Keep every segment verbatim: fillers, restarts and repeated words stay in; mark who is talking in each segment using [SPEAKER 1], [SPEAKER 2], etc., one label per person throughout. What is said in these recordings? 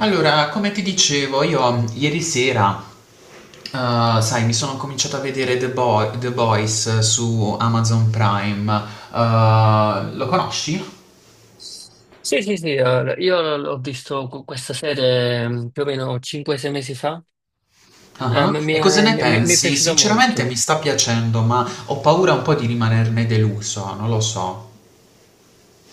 [SPEAKER 1] Allora, come ti dicevo, io ieri sera, eh, sai, mi sono cominciato a vedere The Boy- The Boys su Amazon Prime. Eh, lo conosci?
[SPEAKER 2] Sì, sì, sì, eh, io l- ho visto cu- questa serie mm, più o meno cinque o sei mesi fa. Eh,
[SPEAKER 1] Ah,
[SPEAKER 2] m- mi
[SPEAKER 1] e cosa
[SPEAKER 2] è,
[SPEAKER 1] ne
[SPEAKER 2] mi- mi- mi è
[SPEAKER 1] pensi?
[SPEAKER 2] piaciuta
[SPEAKER 1] Sinceramente mi
[SPEAKER 2] molto.
[SPEAKER 1] sta piacendo, ma ho paura un po' di rimanerne deluso, non lo so.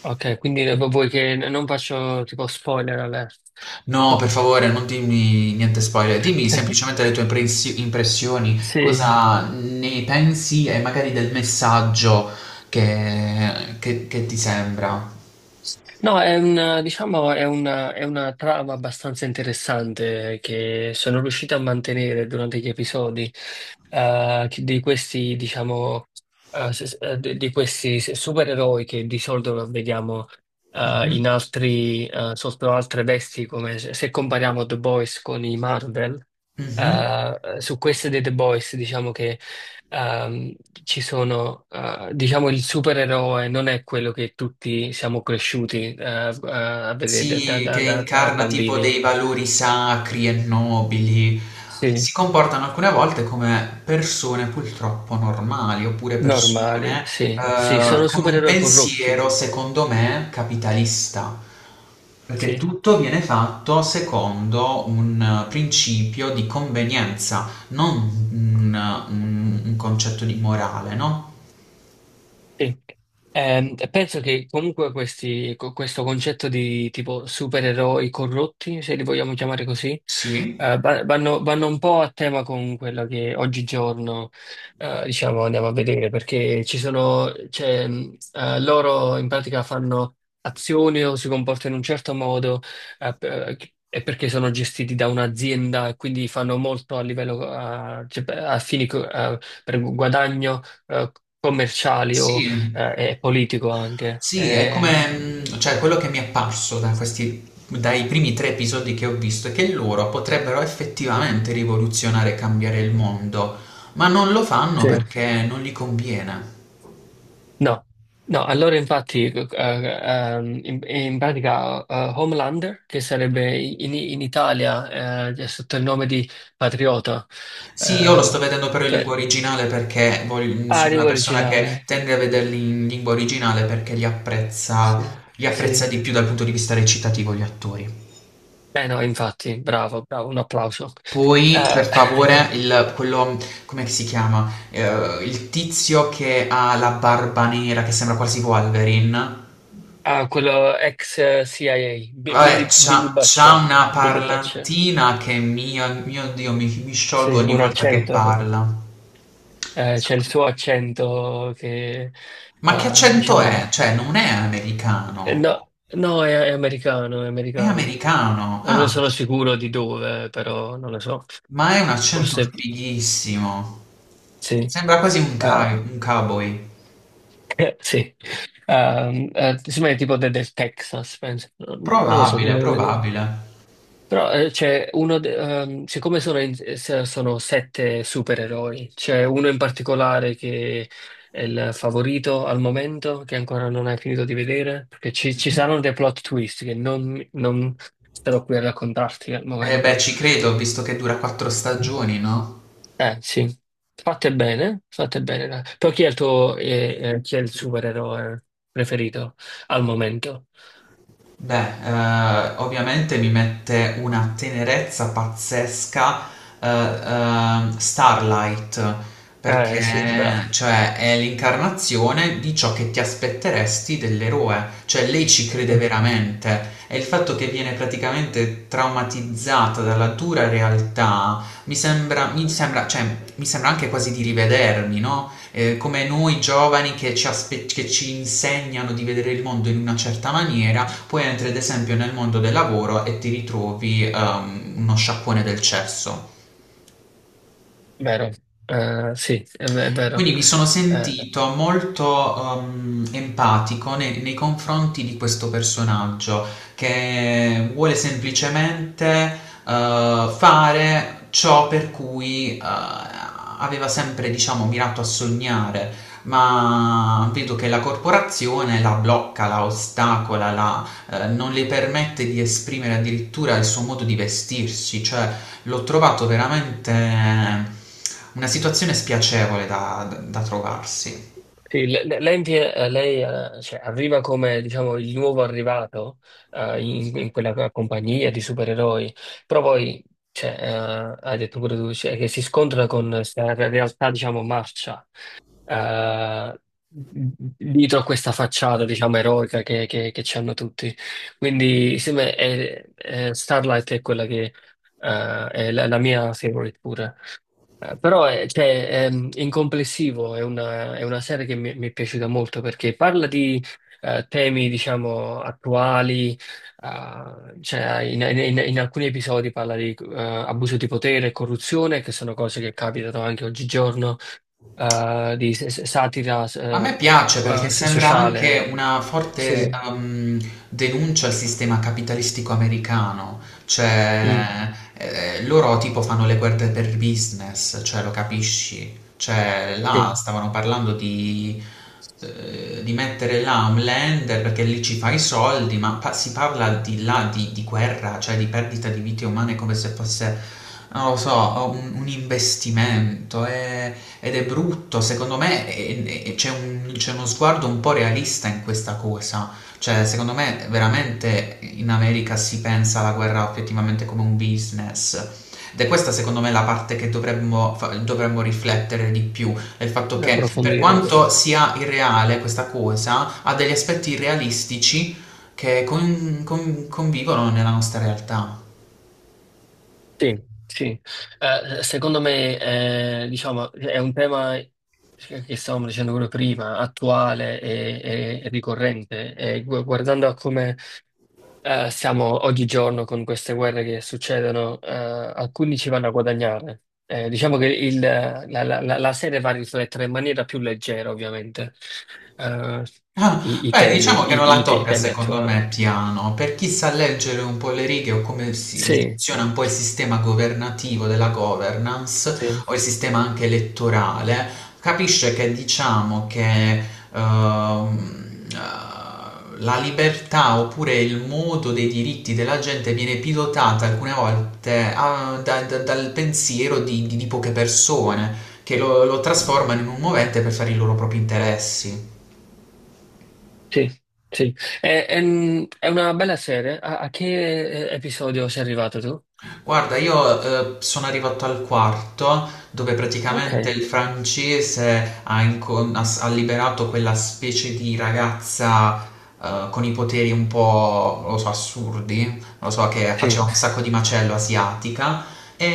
[SPEAKER 2] Ok, quindi eh, vuoi che n- non faccio tipo spoiler alert?
[SPEAKER 1] No, per favore, non dimmi niente spoiler, dimmi semplicemente le tue impressi- impressioni,
[SPEAKER 2] Sì.
[SPEAKER 1] cosa ne pensi e magari del messaggio che, che- che ti sembra.
[SPEAKER 2] No, è un, diciamo, è una, è una trama abbastanza interessante che sono riuscito a mantenere durante gli episodi, eh, che- di questi, diciamo, eh, s- s- eh, di di questi supereroi che di solito vediamo eh, in
[SPEAKER 1] Mhm.
[SPEAKER 2] altri, eh, sotto altre vesti, come se, se compariamo The Boys con i Marvel.
[SPEAKER 1] Mhm.
[SPEAKER 2] Eh, su queste dei The Boys, diciamo, ehm, ci sono, eh, diciamo, il supereroe non è quello che tutti siamo cresciuti, eh, a vedere da,
[SPEAKER 1] Sì,
[SPEAKER 2] da-
[SPEAKER 1] che
[SPEAKER 2] da- da
[SPEAKER 1] incarna tipo
[SPEAKER 2] bambini.
[SPEAKER 1] dei valori sacri e nobili.
[SPEAKER 2] Sì,
[SPEAKER 1] Si comportano alcune volte come persone purtroppo normali, oppure persone
[SPEAKER 2] normali, sì, sì,
[SPEAKER 1] eh,
[SPEAKER 2] sono
[SPEAKER 1] con un
[SPEAKER 2] supereroi corrotti,
[SPEAKER 1] pensiero, secondo me, capitalista, perché
[SPEAKER 2] sì.
[SPEAKER 1] tutto viene fatto secondo un eh, principio di convenienza, non un, un- un concetto di morale, no?
[SPEAKER 2] Sì. Ehm, penso che comunque questi- co- questo concetto di tipo supereroi corrotti, se li vogliamo chiamare così,
[SPEAKER 1] Sì,
[SPEAKER 2] eh, va- vanno, vanno un po' a tema con quello che oggigiorno, eh, diciamo, andiamo a vedere, perché ci sono, cioè, mh, eh, loro in pratica fanno azioni o si comportano in un certo modo, eh, per- e perché sono gestiti da un'azienda e quindi fanno molto a livello, eh, cioè, a fini, co- eh, per guadagno, eh, commerciali o eh,
[SPEAKER 1] sì.
[SPEAKER 2] è politico anche.
[SPEAKER 1] Sì, è come,
[SPEAKER 2] Ehm,
[SPEAKER 1] mm, cioè, quello che mi è apparso da questi, dai primi tre episodi che ho visto è che loro potrebbero effettivamente rivoluzionare e cambiare il mondo, ma non lo fanno
[SPEAKER 2] Sì,
[SPEAKER 1] perché non gli conviene.
[SPEAKER 2] no, no, allora infatti eh, ehm, in, in pratica eh, Homelander, che sarebbe in, in Italia eh, sotto il nome di Patriota.
[SPEAKER 1] Sì, io lo
[SPEAKER 2] eh,
[SPEAKER 1] sto vedendo però in lingua
[SPEAKER 2] Beh,
[SPEAKER 1] originale perché voglio- mm,
[SPEAKER 2] ah,
[SPEAKER 1] sono una
[SPEAKER 2] lingua
[SPEAKER 1] persona che
[SPEAKER 2] originale,
[SPEAKER 1] tende a vederli in lingua originale perché li
[SPEAKER 2] sì,
[SPEAKER 1] apprezza, li apprezza
[SPEAKER 2] sì.
[SPEAKER 1] di più dal punto di vista recitativo gli attori.
[SPEAKER 2] Eh no, infatti, bravo, bravo, un applauso.
[SPEAKER 1] Poi per
[SPEAKER 2] Eh,
[SPEAKER 1] favore il quello come si chiama? Ehm, il tizio che ha la barba nera che sembra quasi Wolverine.
[SPEAKER 2] ah, quello ex eh, C I A, Bi-
[SPEAKER 1] Vabbè,
[SPEAKER 2] Billy, Billy
[SPEAKER 1] c'ha, c'ha
[SPEAKER 2] Butcher,
[SPEAKER 1] una
[SPEAKER 2] Billy Butcher,
[SPEAKER 1] parlantina che mio, mio Dio, mi, mi
[SPEAKER 2] sì,
[SPEAKER 1] sciolgo ogni
[SPEAKER 2] un
[SPEAKER 1] volta che
[SPEAKER 2] accento.
[SPEAKER 1] parla.
[SPEAKER 2] Eh, c'è il suo accento che,
[SPEAKER 1] Ma che
[SPEAKER 2] eh,
[SPEAKER 1] accento
[SPEAKER 2] diciamo,
[SPEAKER 1] è? Cioè, non è
[SPEAKER 2] eh,
[SPEAKER 1] americano.
[SPEAKER 2] no, no, è, è americano, è
[SPEAKER 1] È
[SPEAKER 2] americano.
[SPEAKER 1] americano.
[SPEAKER 2] Non ne
[SPEAKER 1] Ah,
[SPEAKER 2] sono sicuro di dove, però non lo so.
[SPEAKER 1] ma è un accento
[SPEAKER 2] Forse
[SPEAKER 1] fighissimo.
[SPEAKER 2] sì.
[SPEAKER 1] Sembra quasi un,
[SPEAKER 2] Eh,
[SPEAKER 1] cow- un cowboy.
[SPEAKER 2] sì. Ehm, eh, sembra tipo de- del Texas, penso. Non, non lo so,
[SPEAKER 1] Probabile,
[SPEAKER 2] dobbiamo vedere.
[SPEAKER 1] probabile.
[SPEAKER 2] Però eh, c'è uno, de- ehm, siccome sono, in- se- sono sette supereroi, c'è uno in particolare che è il favorito al momento, che ancora non hai finito di vedere, perché ci, ci saranno dei plot twist che non, non starò qui a raccontarti al
[SPEAKER 1] Eh beh,
[SPEAKER 2] momento.
[SPEAKER 1] ci credo, visto che dura quattro stagioni, no?
[SPEAKER 2] Eh sì, fate bene, fate bene. Dai. Però chi è il tuo, eh, eh, chi è il supereroe preferito al momento?
[SPEAKER 1] Beh, eh, ovviamente mi mette una tenerezza pazzesca, eh, ehm, Starlight,
[SPEAKER 2] Eh sì, bravo.
[SPEAKER 1] perché cioè, è l'incarnazione di ciò che ti aspetteresti dell'eroe, cioè lei ci
[SPEAKER 2] Sì,
[SPEAKER 1] crede veramente e il fatto che viene praticamente traumatizzata dalla dura realtà mi sembra, mi sembra, cioè, mi sembra anche quasi di rivedermi, no? Eh, come noi giovani che ci aspe- che ci insegnano di vedere il mondo in una certa maniera, poi entri ad esempio nel mondo del lavoro e ti ritrovi ehm, uno sciacquone del cesso.
[SPEAKER 2] vero. Eh sì, è, è vero.
[SPEAKER 1] Quindi mi sono
[SPEAKER 2] Eh,
[SPEAKER 1] sentito molto ehm, empatico nei, nei confronti di questo personaggio che vuole semplicemente eh, fare ciò per cui eh, aveva sempre, diciamo, mirato a sognare, ma vedo che la corporazione la blocca, la ostacola, la eh, non le permette di esprimere addirittura il suo modo di vestirsi, cioè l'ho trovato veramente, eh, una situazione spiacevole da, da- da trovarsi.
[SPEAKER 2] Sì, le- le- lei, vi- eh, lei, eh, cioè, arriva come diciamo, il nuovo arrivato, eh, in, in quella compagnia di supereroi, però poi cioè, eh, hai detto pure tu cioè, che si scontra con questa realtà diciamo, marcia, eh, dietro a questa facciata diciamo, eroica che, che, che ci hanno tutti. Quindi sì, beh, è- è- Starlight è quella che eh, è la, la mia favorite pure. Eh, Però eh, cioè, ehm, in complessivo è una, è una serie che mi, mi è piaciuta molto perché parla di eh, temi, diciamo, attuali. Eh, cioè, in, in- in alcuni episodi parla di eh, abuso di potere e corruzione, che sono cose che capitano anche oggigiorno, eh, di s- s- satira
[SPEAKER 1] A me
[SPEAKER 2] eh,
[SPEAKER 1] piace perché
[SPEAKER 2] eh,
[SPEAKER 1] sembra
[SPEAKER 2] sociale.
[SPEAKER 1] anche una forte
[SPEAKER 2] Sì.
[SPEAKER 1] ehm, denuncia al sistema capitalistico americano,
[SPEAKER 2] Mm,
[SPEAKER 1] cioè eh, loro tipo fanno le guerre per business, cioè lo capisci. Cioè, là
[SPEAKER 2] sì,
[SPEAKER 1] stavano parlando di, eh, di mettere là un lander perché lì ci fai i soldi, ma pa- si parla di là di, di, guerra, cioè di perdita di vite umane come se fosse, non lo so, un, un investimento. È- ed è brutto, secondo me è- è- c'è un- c'è uno sguardo un po' realista in questa cosa. Cioè, secondo me veramente in America si pensa alla guerra effettivamente come un business, ed è questa secondo me la parte che dovremmo, fa- dovremmo riflettere di più. È il fatto che per
[SPEAKER 2] approfondire.
[SPEAKER 1] quanto sia irreale questa cosa, ha degli aspetti realistici che con- con- convivono nella nostra realtà.
[SPEAKER 2] Sì, sì. Eh, secondo me, eh, diciamo, è un tema che che stavamo dicendo pure prima, attuale e, e- e ricorrente. E gu- guardando a come eh, siamo oggigiorno con queste guerre che succedono, eh, alcuni ci vanno a guadagnare. Eh, diciamo che il- la, la- la- la serie va a riflettere in maniera più leggera, ovviamente, eh,
[SPEAKER 1] Ah,
[SPEAKER 2] i, i
[SPEAKER 1] beh,
[SPEAKER 2] temi,
[SPEAKER 1] diciamo che non
[SPEAKER 2] i,
[SPEAKER 1] la
[SPEAKER 2] i- i
[SPEAKER 1] tocca
[SPEAKER 2] temi
[SPEAKER 1] secondo
[SPEAKER 2] attuali.
[SPEAKER 1] me piano, per chi sa leggere un po' le righe o come si-
[SPEAKER 2] Sì,
[SPEAKER 1] funziona un po' il sistema governativo della governance o
[SPEAKER 2] sì.
[SPEAKER 1] il sistema anche elettorale, capisce che diciamo che ehm, eh, la libertà oppure il modo dei diritti della gente viene pilotata alcune volte, ah, da- da- dal pensiero di, di- di poche persone che lo lo trasformano in un movente per fare i loro propri interessi.
[SPEAKER 2] Sì, sì. È, è- un- è una bella serie. A, a che eh, episodio sei arrivato tu?
[SPEAKER 1] Guarda, io eh, sono arrivato al quarto, dove
[SPEAKER 2] Ok,
[SPEAKER 1] praticamente il francese ha, incon- ha s- ha liberato quella specie di ragazza eh, con i poteri un po', non lo so, assurdi, non lo so, che
[SPEAKER 2] sì.
[SPEAKER 1] faceva un sacco di macello, asiatica, e,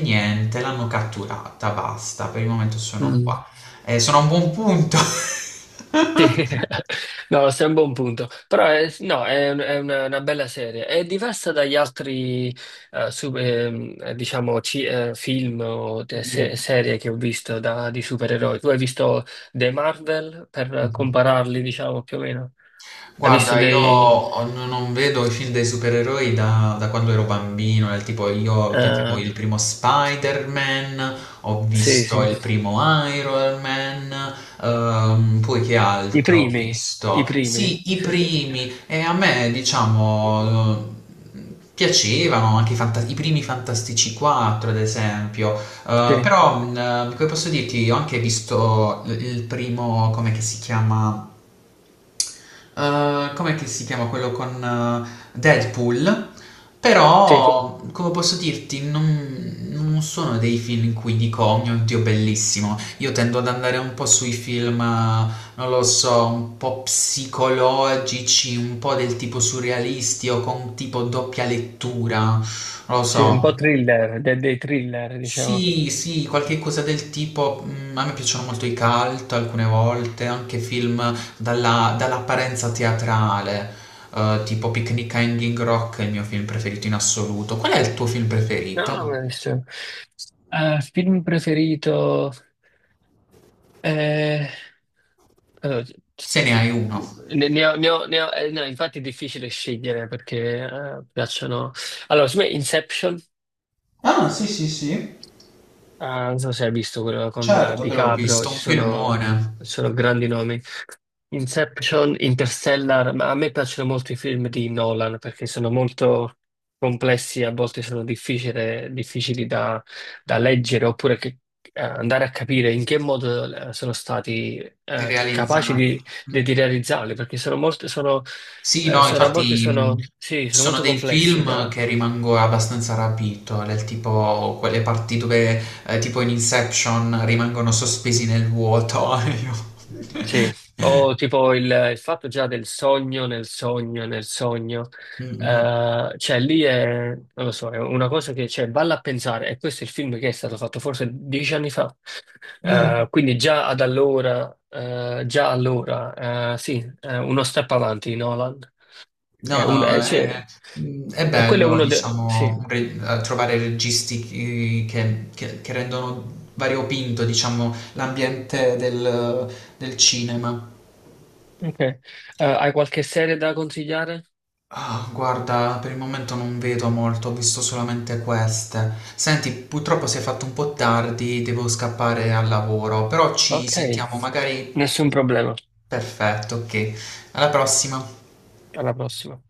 [SPEAKER 1] e niente, l'hanno catturata, basta, per il momento sono
[SPEAKER 2] Mm,
[SPEAKER 1] qua. Eh, sono a un buon punto.
[SPEAKER 2] sì. No, sei a un buon punto. Però è, no, è, un- è una, una bella serie. È diversa dagli altri, eh, su- ehm, eh, diciamo, ci- eh, film o te- se- serie che ho visto da- di supereroi. Tu hai visto dei Marvel per
[SPEAKER 1] Mhm.
[SPEAKER 2] compararli, diciamo, più o meno? Hai visto
[SPEAKER 1] Guarda, io
[SPEAKER 2] dei...
[SPEAKER 1] ho- non non vedo i film dei supereroi da, da quando ero bambino, del tipo io vedevo
[SPEAKER 2] eh,
[SPEAKER 1] il primo Spider-Man, ho
[SPEAKER 2] sì,
[SPEAKER 1] visto
[SPEAKER 2] sì.
[SPEAKER 1] il primo Iron Man, ehm, poi che
[SPEAKER 2] I
[SPEAKER 1] altro ho
[SPEAKER 2] primi, i
[SPEAKER 1] visto?
[SPEAKER 2] primi.
[SPEAKER 1] Sì, i primi, e a me diciamo eh, piacevano anche i, fanta- i primi Fantastici quattro, ad esempio.
[SPEAKER 2] Sì,
[SPEAKER 1] Eh, però mh, eh, come posso dirti, ho anche visto il il primo, come che si chiama? Eh, com'è che si chiama quello con, eh, Deadpool?
[SPEAKER 2] sì,
[SPEAKER 1] Però, come posso dirti, non, non, sono dei film in cui dico, oh mio Dio, bellissimo. Io tendo ad andare un po' sui film, eh, non lo so, un po' psicologici, un po' del tipo surrealisti o con tipo doppia lettura, non lo
[SPEAKER 2] sì, un po'
[SPEAKER 1] so.
[SPEAKER 2] thriller, de- dei thriller, diciamo.
[SPEAKER 1] Sì, sì, qualche cosa del tipo. Mm, a me piacciono molto i cult alcune volte, anche film dalla- dall'apparenza teatrale, eh, tipo Picnic a Hanging Rock è il mio film preferito in assoluto. Qual è il tuo film preferito?
[SPEAKER 2] No, ma adesso- eh, film preferito... eh, allora, c-
[SPEAKER 1] Se ne
[SPEAKER 2] c-
[SPEAKER 1] hai uno.
[SPEAKER 2] ne, ne ho, ne ho- ne ho- eh, no, infatti è difficile scegliere perché eh, piacciono... Allora, secondo me Inception.
[SPEAKER 1] Ah, sì, sì, sì,
[SPEAKER 2] Ah, non so se hai visto quello con eh,
[SPEAKER 1] certo. Quello ho
[SPEAKER 2] DiCaprio,
[SPEAKER 1] visto,
[SPEAKER 2] ci
[SPEAKER 1] un
[SPEAKER 2] sono,
[SPEAKER 1] filmone
[SPEAKER 2] ci sono grandi nomi. Inception, Interstellar, ma a me piacciono molto i film di Nolan perché sono molto complessi, a volte sono difficile- difficili da, da leggere oppure che- eh, andare a capire in che modo eh, sono stati eh, capaci
[SPEAKER 1] realizzato.
[SPEAKER 2] di, di- di realizzarli, perché sono molto, sono,
[SPEAKER 1] Sì,
[SPEAKER 2] eh,
[SPEAKER 1] no,
[SPEAKER 2] sono- a volte
[SPEAKER 1] infatti, mh,
[SPEAKER 2] sono, sì,
[SPEAKER 1] ci
[SPEAKER 2] sono
[SPEAKER 1] sono
[SPEAKER 2] molto
[SPEAKER 1] dei
[SPEAKER 2] complessi.
[SPEAKER 1] film che rimango abbastanza rapito, del tipo quelle parti dove, eh, tipo in Inception, rimangono sospesi nel vuoto. Io-
[SPEAKER 2] Sì, o tipo il, il fatto già del sogno nel sogno nel sogno.
[SPEAKER 1] Mm, mm,
[SPEAKER 2] Eh, cioè lì è, non lo so, è una cosa che, cioè, valla a pensare, e questo è il film che è stato fatto forse dieci anni fa.
[SPEAKER 1] mm.
[SPEAKER 2] Eh, quindi già ad allora, eh, già allora, eh, sì, eh, uno step avanti Nolan. È
[SPEAKER 1] No,
[SPEAKER 2] un,
[SPEAKER 1] no,
[SPEAKER 2] è- cioè,
[SPEAKER 1] è, mm, è
[SPEAKER 2] e quello è
[SPEAKER 1] bello,
[SPEAKER 2] uno dei, sì.
[SPEAKER 1] diciamo, re- eh, trovare registi, eh, che, che- che rendono variopinto, diciamo, l'ambiente del del cinema.
[SPEAKER 2] Ok. Eh, hai qualche serie da consigliare?
[SPEAKER 1] Ah, guarda, per il momento non vedo molto, ho visto solamente queste. Senti, purtroppo si è fatto un po' tardi, devo scappare al lavoro, però ci
[SPEAKER 2] Ok,
[SPEAKER 1] sentiamo magari...
[SPEAKER 2] nessun problema,
[SPEAKER 1] Perfetto, ok. Alla prossima.
[SPEAKER 2] alla prossima.